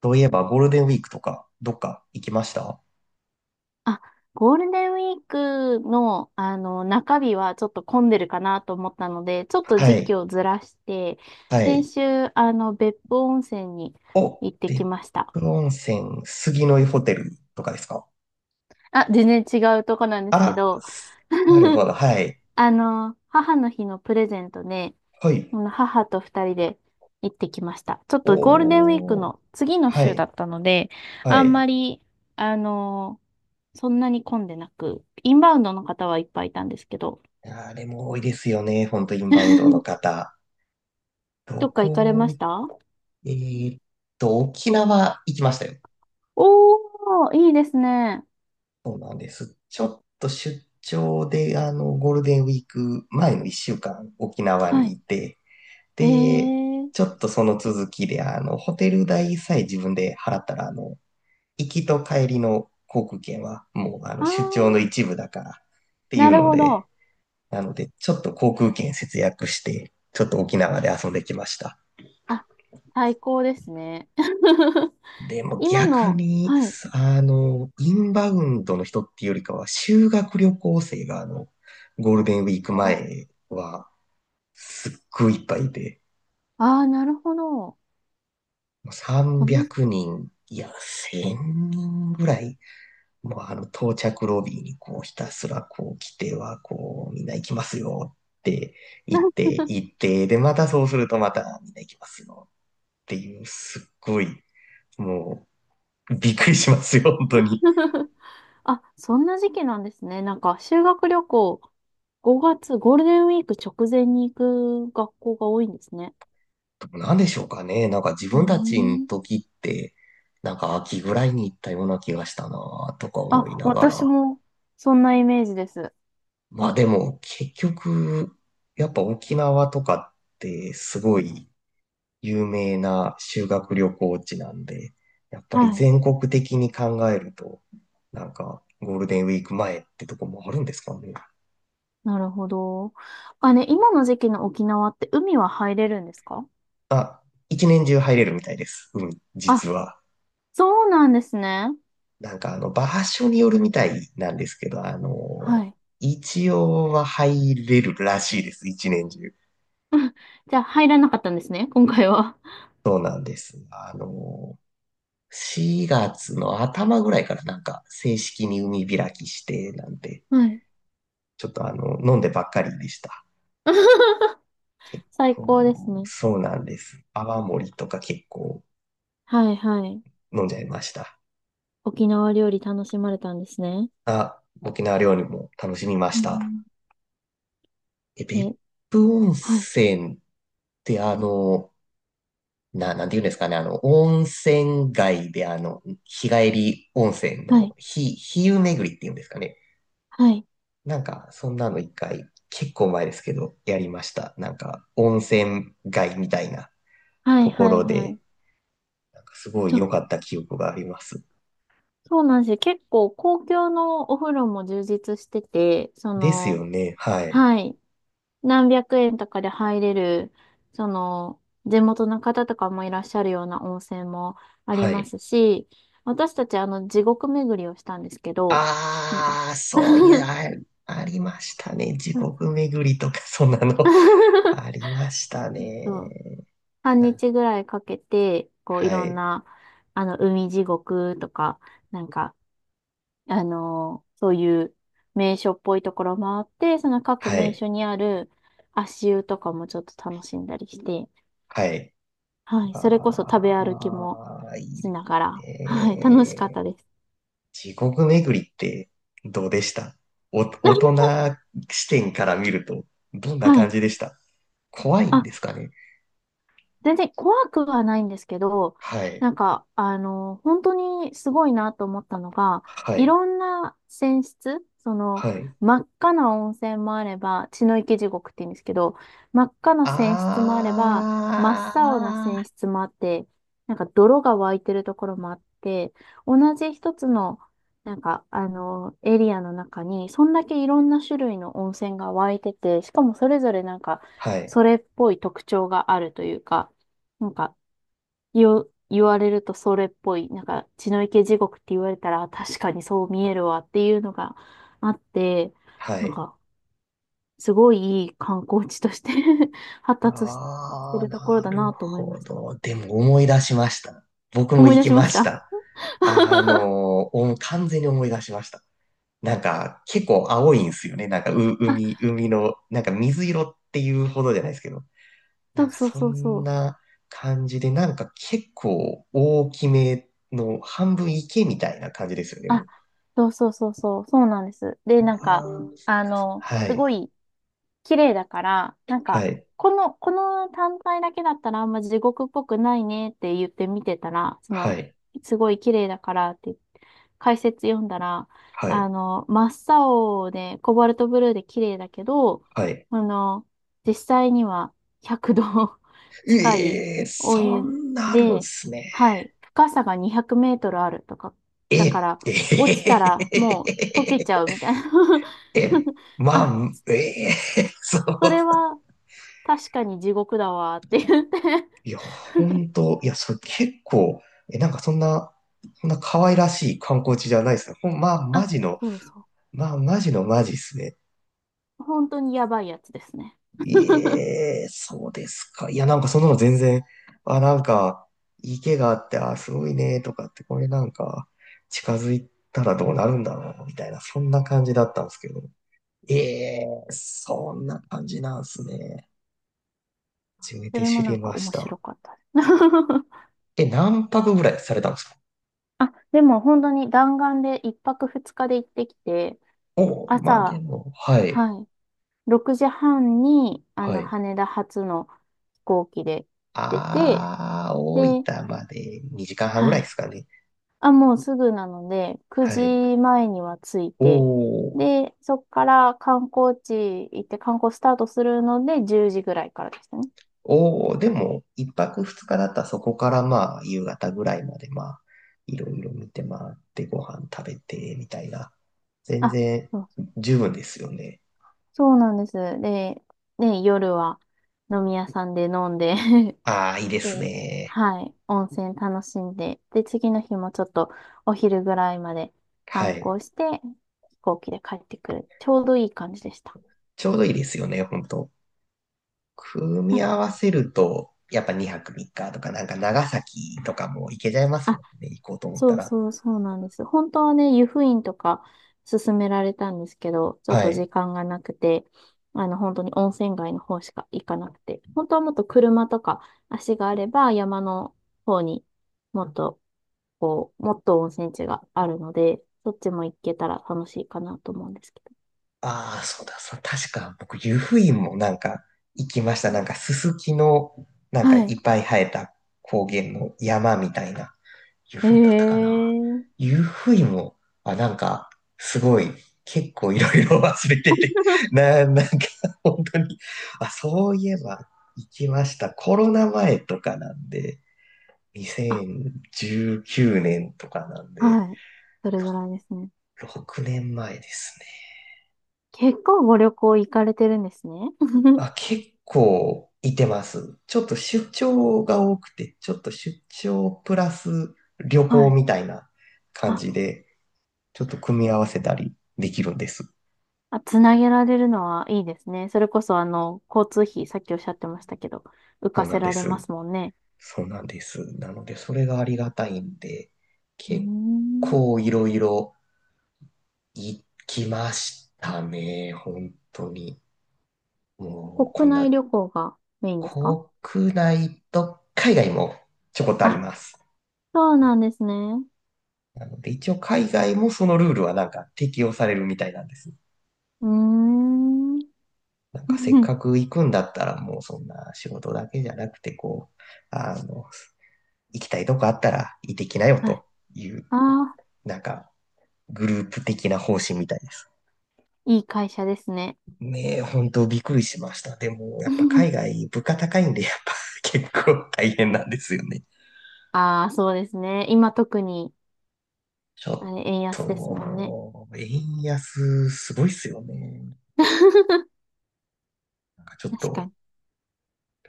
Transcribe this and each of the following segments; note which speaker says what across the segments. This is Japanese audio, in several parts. Speaker 1: とういえば、ゴールデンウィークとか、どっか行きました？
Speaker 2: あ、ゴールデンウィークの、中日はちょっと混んでるかなと思ったので、ちょっと
Speaker 1: は
Speaker 2: 時
Speaker 1: い。
Speaker 2: 期をずらして、
Speaker 1: は
Speaker 2: 先
Speaker 1: い。
Speaker 2: 週、別府温泉に
Speaker 1: お、
Speaker 2: 行ってき
Speaker 1: 別
Speaker 2: ました。
Speaker 1: 府温泉、杉の湯ホテルとかですか？
Speaker 2: あ、全然違うとこなんですけ
Speaker 1: あ、
Speaker 2: ど、
Speaker 1: なるほ ど。はい。
Speaker 2: 母の日のプレゼントで、
Speaker 1: はい。
Speaker 2: あの母と二人で行ってきました。ちょっとゴールデンウィーク
Speaker 1: おー。
Speaker 2: の次の
Speaker 1: は
Speaker 2: 週だ
Speaker 1: い。
Speaker 2: ったので、
Speaker 1: は
Speaker 2: あんま
Speaker 1: い。
Speaker 2: り、あの、そんなに混んでなく、インバウンドの方はいっぱいいたんですけど、
Speaker 1: あれも多いですよね。本当インバウンドの 方。
Speaker 2: ど
Speaker 1: ど
Speaker 2: っか行かれ
Speaker 1: こ
Speaker 2: まし
Speaker 1: 行っ、
Speaker 2: た？
Speaker 1: えーっと、沖縄行きましたよ。
Speaker 2: おー、いいですね。
Speaker 1: そうなんです。ちょっと出張で、ゴールデンウィーク前の1週間、沖縄
Speaker 2: は
Speaker 1: に
Speaker 2: い。
Speaker 1: いて、
Speaker 2: え
Speaker 1: で、
Speaker 2: ー。
Speaker 1: ちょっとその続きで、ホテル代さえ自分で払ったら、行きと帰りの航空券はもう、
Speaker 2: あ
Speaker 1: 出張の
Speaker 2: ー、
Speaker 1: 一部だからってい
Speaker 2: な
Speaker 1: う
Speaker 2: る
Speaker 1: の
Speaker 2: ほ
Speaker 1: で、
Speaker 2: ど。
Speaker 1: なので、ちょっと航空券節約して、ちょっと沖縄で遊んできました。
Speaker 2: あ、最高ですね。
Speaker 1: でも
Speaker 2: 今
Speaker 1: 逆
Speaker 2: の、
Speaker 1: に、
Speaker 2: はい。
Speaker 1: インバウンドの人っていうよりかは、修学旅行生が、ゴールデンウィーク
Speaker 2: お
Speaker 1: 前は、すっごいいっぱいいて、
Speaker 2: あー、なるほど。こ
Speaker 1: 300
Speaker 2: の、
Speaker 1: 人、いや、1000人ぐらい、もうあの到着ロビーにこうひたすらこう来てはこうみんな行きますよって言って行って、でまたそうするとまたみんな行きますよっていう、すっごい、もうびっくりしますよ本当に。
Speaker 2: あ、そんな時期なんですね。なんか、修学旅行、5月、ゴールデンウィーク直前に行く学校が多いんですね。
Speaker 1: 何でしょうかね。なんか自
Speaker 2: うー
Speaker 1: 分たちの
Speaker 2: ん。
Speaker 1: 時ってなんか秋ぐらいに行ったような気がしたなとか思い
Speaker 2: あ、
Speaker 1: なが
Speaker 2: 私
Speaker 1: ら、
Speaker 2: も、そんなイメージです。
Speaker 1: まあでも結局やっぱ沖縄とかってすごい有名な修学旅行地なんで、やっぱ
Speaker 2: は
Speaker 1: り
Speaker 2: い。
Speaker 1: 全国的に考えると、なんかゴールデンウィーク前ってとこもあるんですかね。
Speaker 2: なるほど。あ、ね、今の時期の沖縄って海は入れるんですか？
Speaker 1: まあ、一年中入れるみたいです。うん、
Speaker 2: あ、
Speaker 1: 実は。
Speaker 2: そうなんですね。
Speaker 1: なんか場所によるみたいなんですけど、
Speaker 2: はい。
Speaker 1: 一応は入れるらしいです。一年中。
Speaker 2: じゃあ入らなかったんですね、今回は。
Speaker 1: そうなんです。4月の頭ぐらいからなんか正式に海開きして、なんて、
Speaker 2: はい。
Speaker 1: ちょっと飲んでばっかりでした。結
Speaker 2: 最高
Speaker 1: 構、
Speaker 2: ですね。
Speaker 1: そうなんです。泡盛とか結構
Speaker 2: はいはい。
Speaker 1: 飲んじゃいました。
Speaker 2: 沖縄料理楽しまれたんですね。
Speaker 1: あ、沖縄料理も楽しみま
Speaker 2: う
Speaker 1: した。
Speaker 2: ん。
Speaker 1: え、別
Speaker 2: ね、
Speaker 1: 府温
Speaker 2: はい、
Speaker 1: 泉ってなんて言うんですかね、温泉街で日帰り温泉
Speaker 2: は
Speaker 1: の
Speaker 2: い、
Speaker 1: 日湯巡りっていうんですかね。
Speaker 2: はい、
Speaker 1: なんか、そんなの一回、結構前ですけど、やりました。なんか、温泉街みたいな
Speaker 2: は
Speaker 1: と
Speaker 2: い、
Speaker 1: こ
Speaker 2: はい、
Speaker 1: ろ
Speaker 2: は
Speaker 1: で、
Speaker 2: い。
Speaker 1: なんかすごい
Speaker 2: そ
Speaker 1: 良
Speaker 2: う、
Speaker 1: かった記憶があります。
Speaker 2: そうなんですよ。結構公共のお風呂も充実してて、そ
Speaker 1: です
Speaker 2: の、
Speaker 1: よね。はい。
Speaker 2: はい。何百円とかで入れる、その、地元の方とかもいらっしゃるような温泉もあり
Speaker 1: は
Speaker 2: ま
Speaker 1: い。
Speaker 2: すし、私たちあの地獄巡りをしたんですけど、なんか
Speaker 1: ああ、そういや、ありましたね。地
Speaker 2: そうそ
Speaker 1: 獄
Speaker 2: う
Speaker 1: 巡りとか、そんなの あ りました
Speaker 2: そう
Speaker 1: ね。
Speaker 2: 半
Speaker 1: なん
Speaker 2: 日ぐらいかけて、こうい
Speaker 1: は
Speaker 2: ろん
Speaker 1: い、
Speaker 2: な、海地獄とか、なんか、あのーそういう名所っぽいところ回って、その各
Speaker 1: は
Speaker 2: 名
Speaker 1: い、
Speaker 2: 所にある足湯とかもちょっと楽しんだりして、
Speaker 1: はい。
Speaker 2: はい。それこそ食べ歩きも
Speaker 1: ああ、いい
Speaker 2: し
Speaker 1: です
Speaker 2: ながら。はい。楽しかっ
Speaker 1: ね。
Speaker 2: たです。
Speaker 1: 地獄巡りってどうでした？お、大 人視点から見ると、どんな
Speaker 2: は
Speaker 1: 感
Speaker 2: い。
Speaker 1: じでした？怖いん
Speaker 2: あ、
Speaker 1: ですかね？
Speaker 2: 全然怖くはないんですけど、
Speaker 1: はい、
Speaker 2: なんか、本当にすごいなと思ったのが、
Speaker 1: は
Speaker 2: い
Speaker 1: い、
Speaker 2: ろんな泉質、その、
Speaker 1: はい。
Speaker 2: 真っ赤な温泉もあれば、血の池地獄って言うんですけど、真っ赤な泉質もあれば、真っ青な
Speaker 1: あ
Speaker 2: 泉質もあって、なんか泥が湧いてるところもあって、同じ一つの、なんか、エリアの中に、そんだけいろんな種類の温泉が湧いてて、しかもそれぞれなんか、
Speaker 1: あ、はい、
Speaker 2: それっぽい特徴があるというか、なんか、言われるとそれっぽい、なんか、血の池地獄って言われたら、確かにそう見えるわっていうのがあって、
Speaker 1: は
Speaker 2: なん
Speaker 1: い。
Speaker 2: か、すごいいい観光地として 発達して
Speaker 1: ああ、
Speaker 2: るところ
Speaker 1: な
Speaker 2: だ
Speaker 1: る
Speaker 2: なと思い
Speaker 1: ほ
Speaker 2: ました。
Speaker 1: ど。でも思い出しました。僕も
Speaker 2: 思い
Speaker 1: 行
Speaker 2: 出
Speaker 1: き
Speaker 2: しま
Speaker 1: ま
Speaker 2: し
Speaker 1: し
Speaker 2: た。
Speaker 1: た。完全に思い出しました。なんか、結構青いんですよね。なんか、
Speaker 2: あ、
Speaker 1: 海の、なんか水色っていうほどじゃないですけど。
Speaker 2: そ
Speaker 1: なん
Speaker 2: う
Speaker 1: か、
Speaker 2: そう
Speaker 1: そ
Speaker 2: そうそ
Speaker 1: ん
Speaker 2: う。
Speaker 1: な感じで、なんか結構大きめの半分池みたいな感じですよね。も
Speaker 2: あ、
Speaker 1: う、
Speaker 2: そうそうそうそう、そうなんです。で、なんか、
Speaker 1: あーは
Speaker 2: す
Speaker 1: い、
Speaker 2: ごい、綺麗だから、なんか、
Speaker 1: はい、
Speaker 2: この単体だけだったらあんま地獄っぽくないねって言って見てたら、そ
Speaker 1: は
Speaker 2: の、
Speaker 1: い、
Speaker 2: すごい綺麗だからって解説読んだら、
Speaker 1: はい、
Speaker 2: 真っ青でコバルトブルーで綺麗だけど、
Speaker 1: はい。
Speaker 2: あの、実際には100度 近い
Speaker 1: ええ、
Speaker 2: お
Speaker 1: そ
Speaker 2: 湯
Speaker 1: んなあるんで
Speaker 2: で、
Speaker 1: すね。
Speaker 2: はい、深さが200メートルあるとか、だか
Speaker 1: え、
Speaker 2: ら、落ちた
Speaker 1: え
Speaker 2: らもう溶けち
Speaker 1: え、
Speaker 2: ゃうみたいな
Speaker 1: え、ま
Speaker 2: あ、
Speaker 1: あ、ええ、そ
Speaker 2: そ
Speaker 1: う。
Speaker 2: れは確かに地獄だわーって言って
Speaker 1: いや、本当、いや、それ結構、え、なんかそんな可愛らしい観光地じゃないですね。ほんまあ、
Speaker 2: あ、そうそ
Speaker 1: マジのマジですね。
Speaker 2: う。本当にやばいやつですね。
Speaker 1: ええ、そうですか。いや、なんかそんなの全然、あ、なんか、池があって、あ、すごいね、とかって、これなんか、近づいたらどうなるんだろう、みたいな、そんな感じだったんですけど。ええ、そんな感じなんですね。初め
Speaker 2: そ
Speaker 1: て
Speaker 2: れ
Speaker 1: 知
Speaker 2: もな
Speaker 1: り
Speaker 2: んか
Speaker 1: まし
Speaker 2: 面
Speaker 1: た。
Speaker 2: 白かったです。
Speaker 1: え、何泊ぐらいされたんですか？
Speaker 2: あ、でも本当に弾丸で1泊2日で行ってきて、
Speaker 1: お、まあで
Speaker 2: 朝、
Speaker 1: も、はい、
Speaker 2: はい、6時半に、
Speaker 1: はい。
Speaker 2: 羽田発の飛行機で出て、
Speaker 1: あー、大
Speaker 2: で、
Speaker 1: 分まで2時間半ぐら
Speaker 2: は
Speaker 1: いで
Speaker 2: い
Speaker 1: すかね。
Speaker 2: あ、もうすぐなので、
Speaker 1: は
Speaker 2: 9
Speaker 1: い。
Speaker 2: 時前には着い
Speaker 1: お
Speaker 2: て、
Speaker 1: ー、
Speaker 2: で、そっから観光地行って観光スタートするので、10時ぐらいからでしたね。
Speaker 1: おー、でも、1泊2日だったらそこからまあ、夕方ぐらいまでまあ、いろいろ見て回ってご飯食べて、みたいな。全
Speaker 2: あ、
Speaker 1: 然、
Speaker 2: そう
Speaker 1: 十分ですよね。
Speaker 2: そうなんです。で、ね、夜は飲み屋さんで飲んで
Speaker 1: あー、いいで す
Speaker 2: で、
Speaker 1: ね。
Speaker 2: はい、温泉楽しんで、で、次の日もちょっとお昼ぐらいまで
Speaker 1: は
Speaker 2: 観
Speaker 1: い。
Speaker 2: 光して、飛行機で帰ってくる。ちょうどいい感じでした。
Speaker 1: ちょうどいいですよね、本当。組み合わせると、やっぱ2泊3日とか、なんか長崎とかも行けちゃいますも
Speaker 2: あ
Speaker 1: んね、行こうと思っ
Speaker 2: そ
Speaker 1: た
Speaker 2: う
Speaker 1: ら。
Speaker 2: そうそうなんです。本当はね、湯布院とか勧められたんですけど、ちょっ
Speaker 1: は
Speaker 2: と時
Speaker 1: い。
Speaker 2: 間がなくて、本当に温泉街の方しか行かなくて、本当はもっと車とか足があれば山の方にもっと、こう、もっと温泉地があるので、そっちも行けたら楽しいかなと思うんですけど。
Speaker 1: ああ、そうだ、そう、確か僕、湯布院もなんか行きました。なんかススキの、なんか
Speaker 2: は
Speaker 1: い
Speaker 2: い。
Speaker 1: っぱい生えた高原の山みたいな、湯
Speaker 2: え
Speaker 1: 布院だったかな。
Speaker 2: えー。
Speaker 1: 湯布院も、あ、なんか、すごい、結構いろいろ忘れてて、なんか、本当に、あ、そういえば行きました。コロナ前とかなんで、
Speaker 2: あ、
Speaker 1: 2019年とかなんで、
Speaker 2: はい。それぐらいですね。
Speaker 1: 6年前ですね。
Speaker 2: 結構ご旅行行かれてるんですね。
Speaker 1: あ、結構いてます。ちょっと出張が多くて、ちょっと出張プラス旅
Speaker 2: は
Speaker 1: 行
Speaker 2: い。
Speaker 1: みたいな感
Speaker 2: あ
Speaker 1: じで、ちょっと組み合わせたりできるんです。
Speaker 2: あ、つなげられるのはいいですね。それこそ、交通費、さっきおっしゃってましたけど、浮
Speaker 1: そ
Speaker 2: か
Speaker 1: うな
Speaker 2: せ
Speaker 1: んで
Speaker 2: られま
Speaker 1: す。
Speaker 2: すもんね。
Speaker 1: そうなんです。なので、それがありがたいんで、
Speaker 2: うー
Speaker 1: 結
Speaker 2: ん。
Speaker 1: 構いろいろ行きましたね。本当に。もう、
Speaker 2: 国
Speaker 1: こんな、
Speaker 2: 内旅行がメインですか？
Speaker 1: 国内と海外もちょこっとあり
Speaker 2: あ、
Speaker 1: ます。
Speaker 2: そうなんですね。
Speaker 1: なので一応海外もそのルールはなんか適用されるみたいなんです。
Speaker 2: うーん。
Speaker 1: なんかせっ かく行くんだったらもうそんな仕事だけじゃなくてこう、あの、行きたいとこあったら行ってきなよ
Speaker 2: はい。
Speaker 1: という、
Speaker 2: ああ、
Speaker 1: なんかグループ的な方針みたいです。
Speaker 2: いい会社ですね。
Speaker 1: ねえ、本当びっくりしました。でもやっぱ海 外物価高いんでやっぱ結構大変なんですよね。
Speaker 2: ああ、そうですね。今特に、
Speaker 1: ち
Speaker 2: あ
Speaker 1: ょっ
Speaker 2: れ、円安ですも
Speaker 1: と、
Speaker 2: んね。
Speaker 1: 円安すごいっすよね。ちょっ
Speaker 2: 確か
Speaker 1: と、
Speaker 2: に。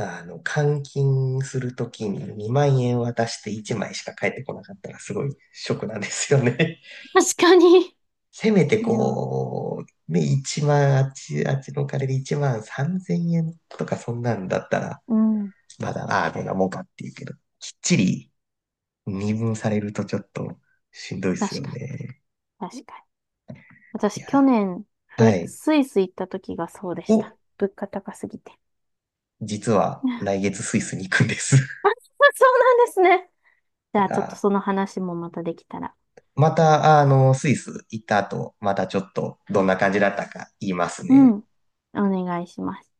Speaker 1: 換金するときに2万円渡して1枚しか返ってこなかったらすごいショックなんですよね。
Speaker 2: 確かに。
Speaker 1: せめて
Speaker 2: これを。
Speaker 1: こう、ね、1万、あっちのお金で1万3000円とかそんなんだったら、
Speaker 2: うん。
Speaker 1: まだ、ああ、どんなもんかっていうけど、きっちり二分されるとちょっとしんどいですよ
Speaker 2: 確か
Speaker 1: ね。
Speaker 2: に。確かに。
Speaker 1: い
Speaker 2: 私、去
Speaker 1: や、
Speaker 2: 年、
Speaker 1: は
Speaker 2: ふ、
Speaker 1: い。
Speaker 2: スイス行った時がそうでした。
Speaker 1: を、
Speaker 2: 物価高すぎて。
Speaker 1: 実は来 月スイスに行くんです。
Speaker 2: あ、そうなんですね。じゃあ、ちょっと
Speaker 1: あ
Speaker 2: その話もまたできたら。
Speaker 1: また、スイス行った後、またちょっとどんな感じだったか言います
Speaker 2: う
Speaker 1: ね。
Speaker 2: ん。お願いします。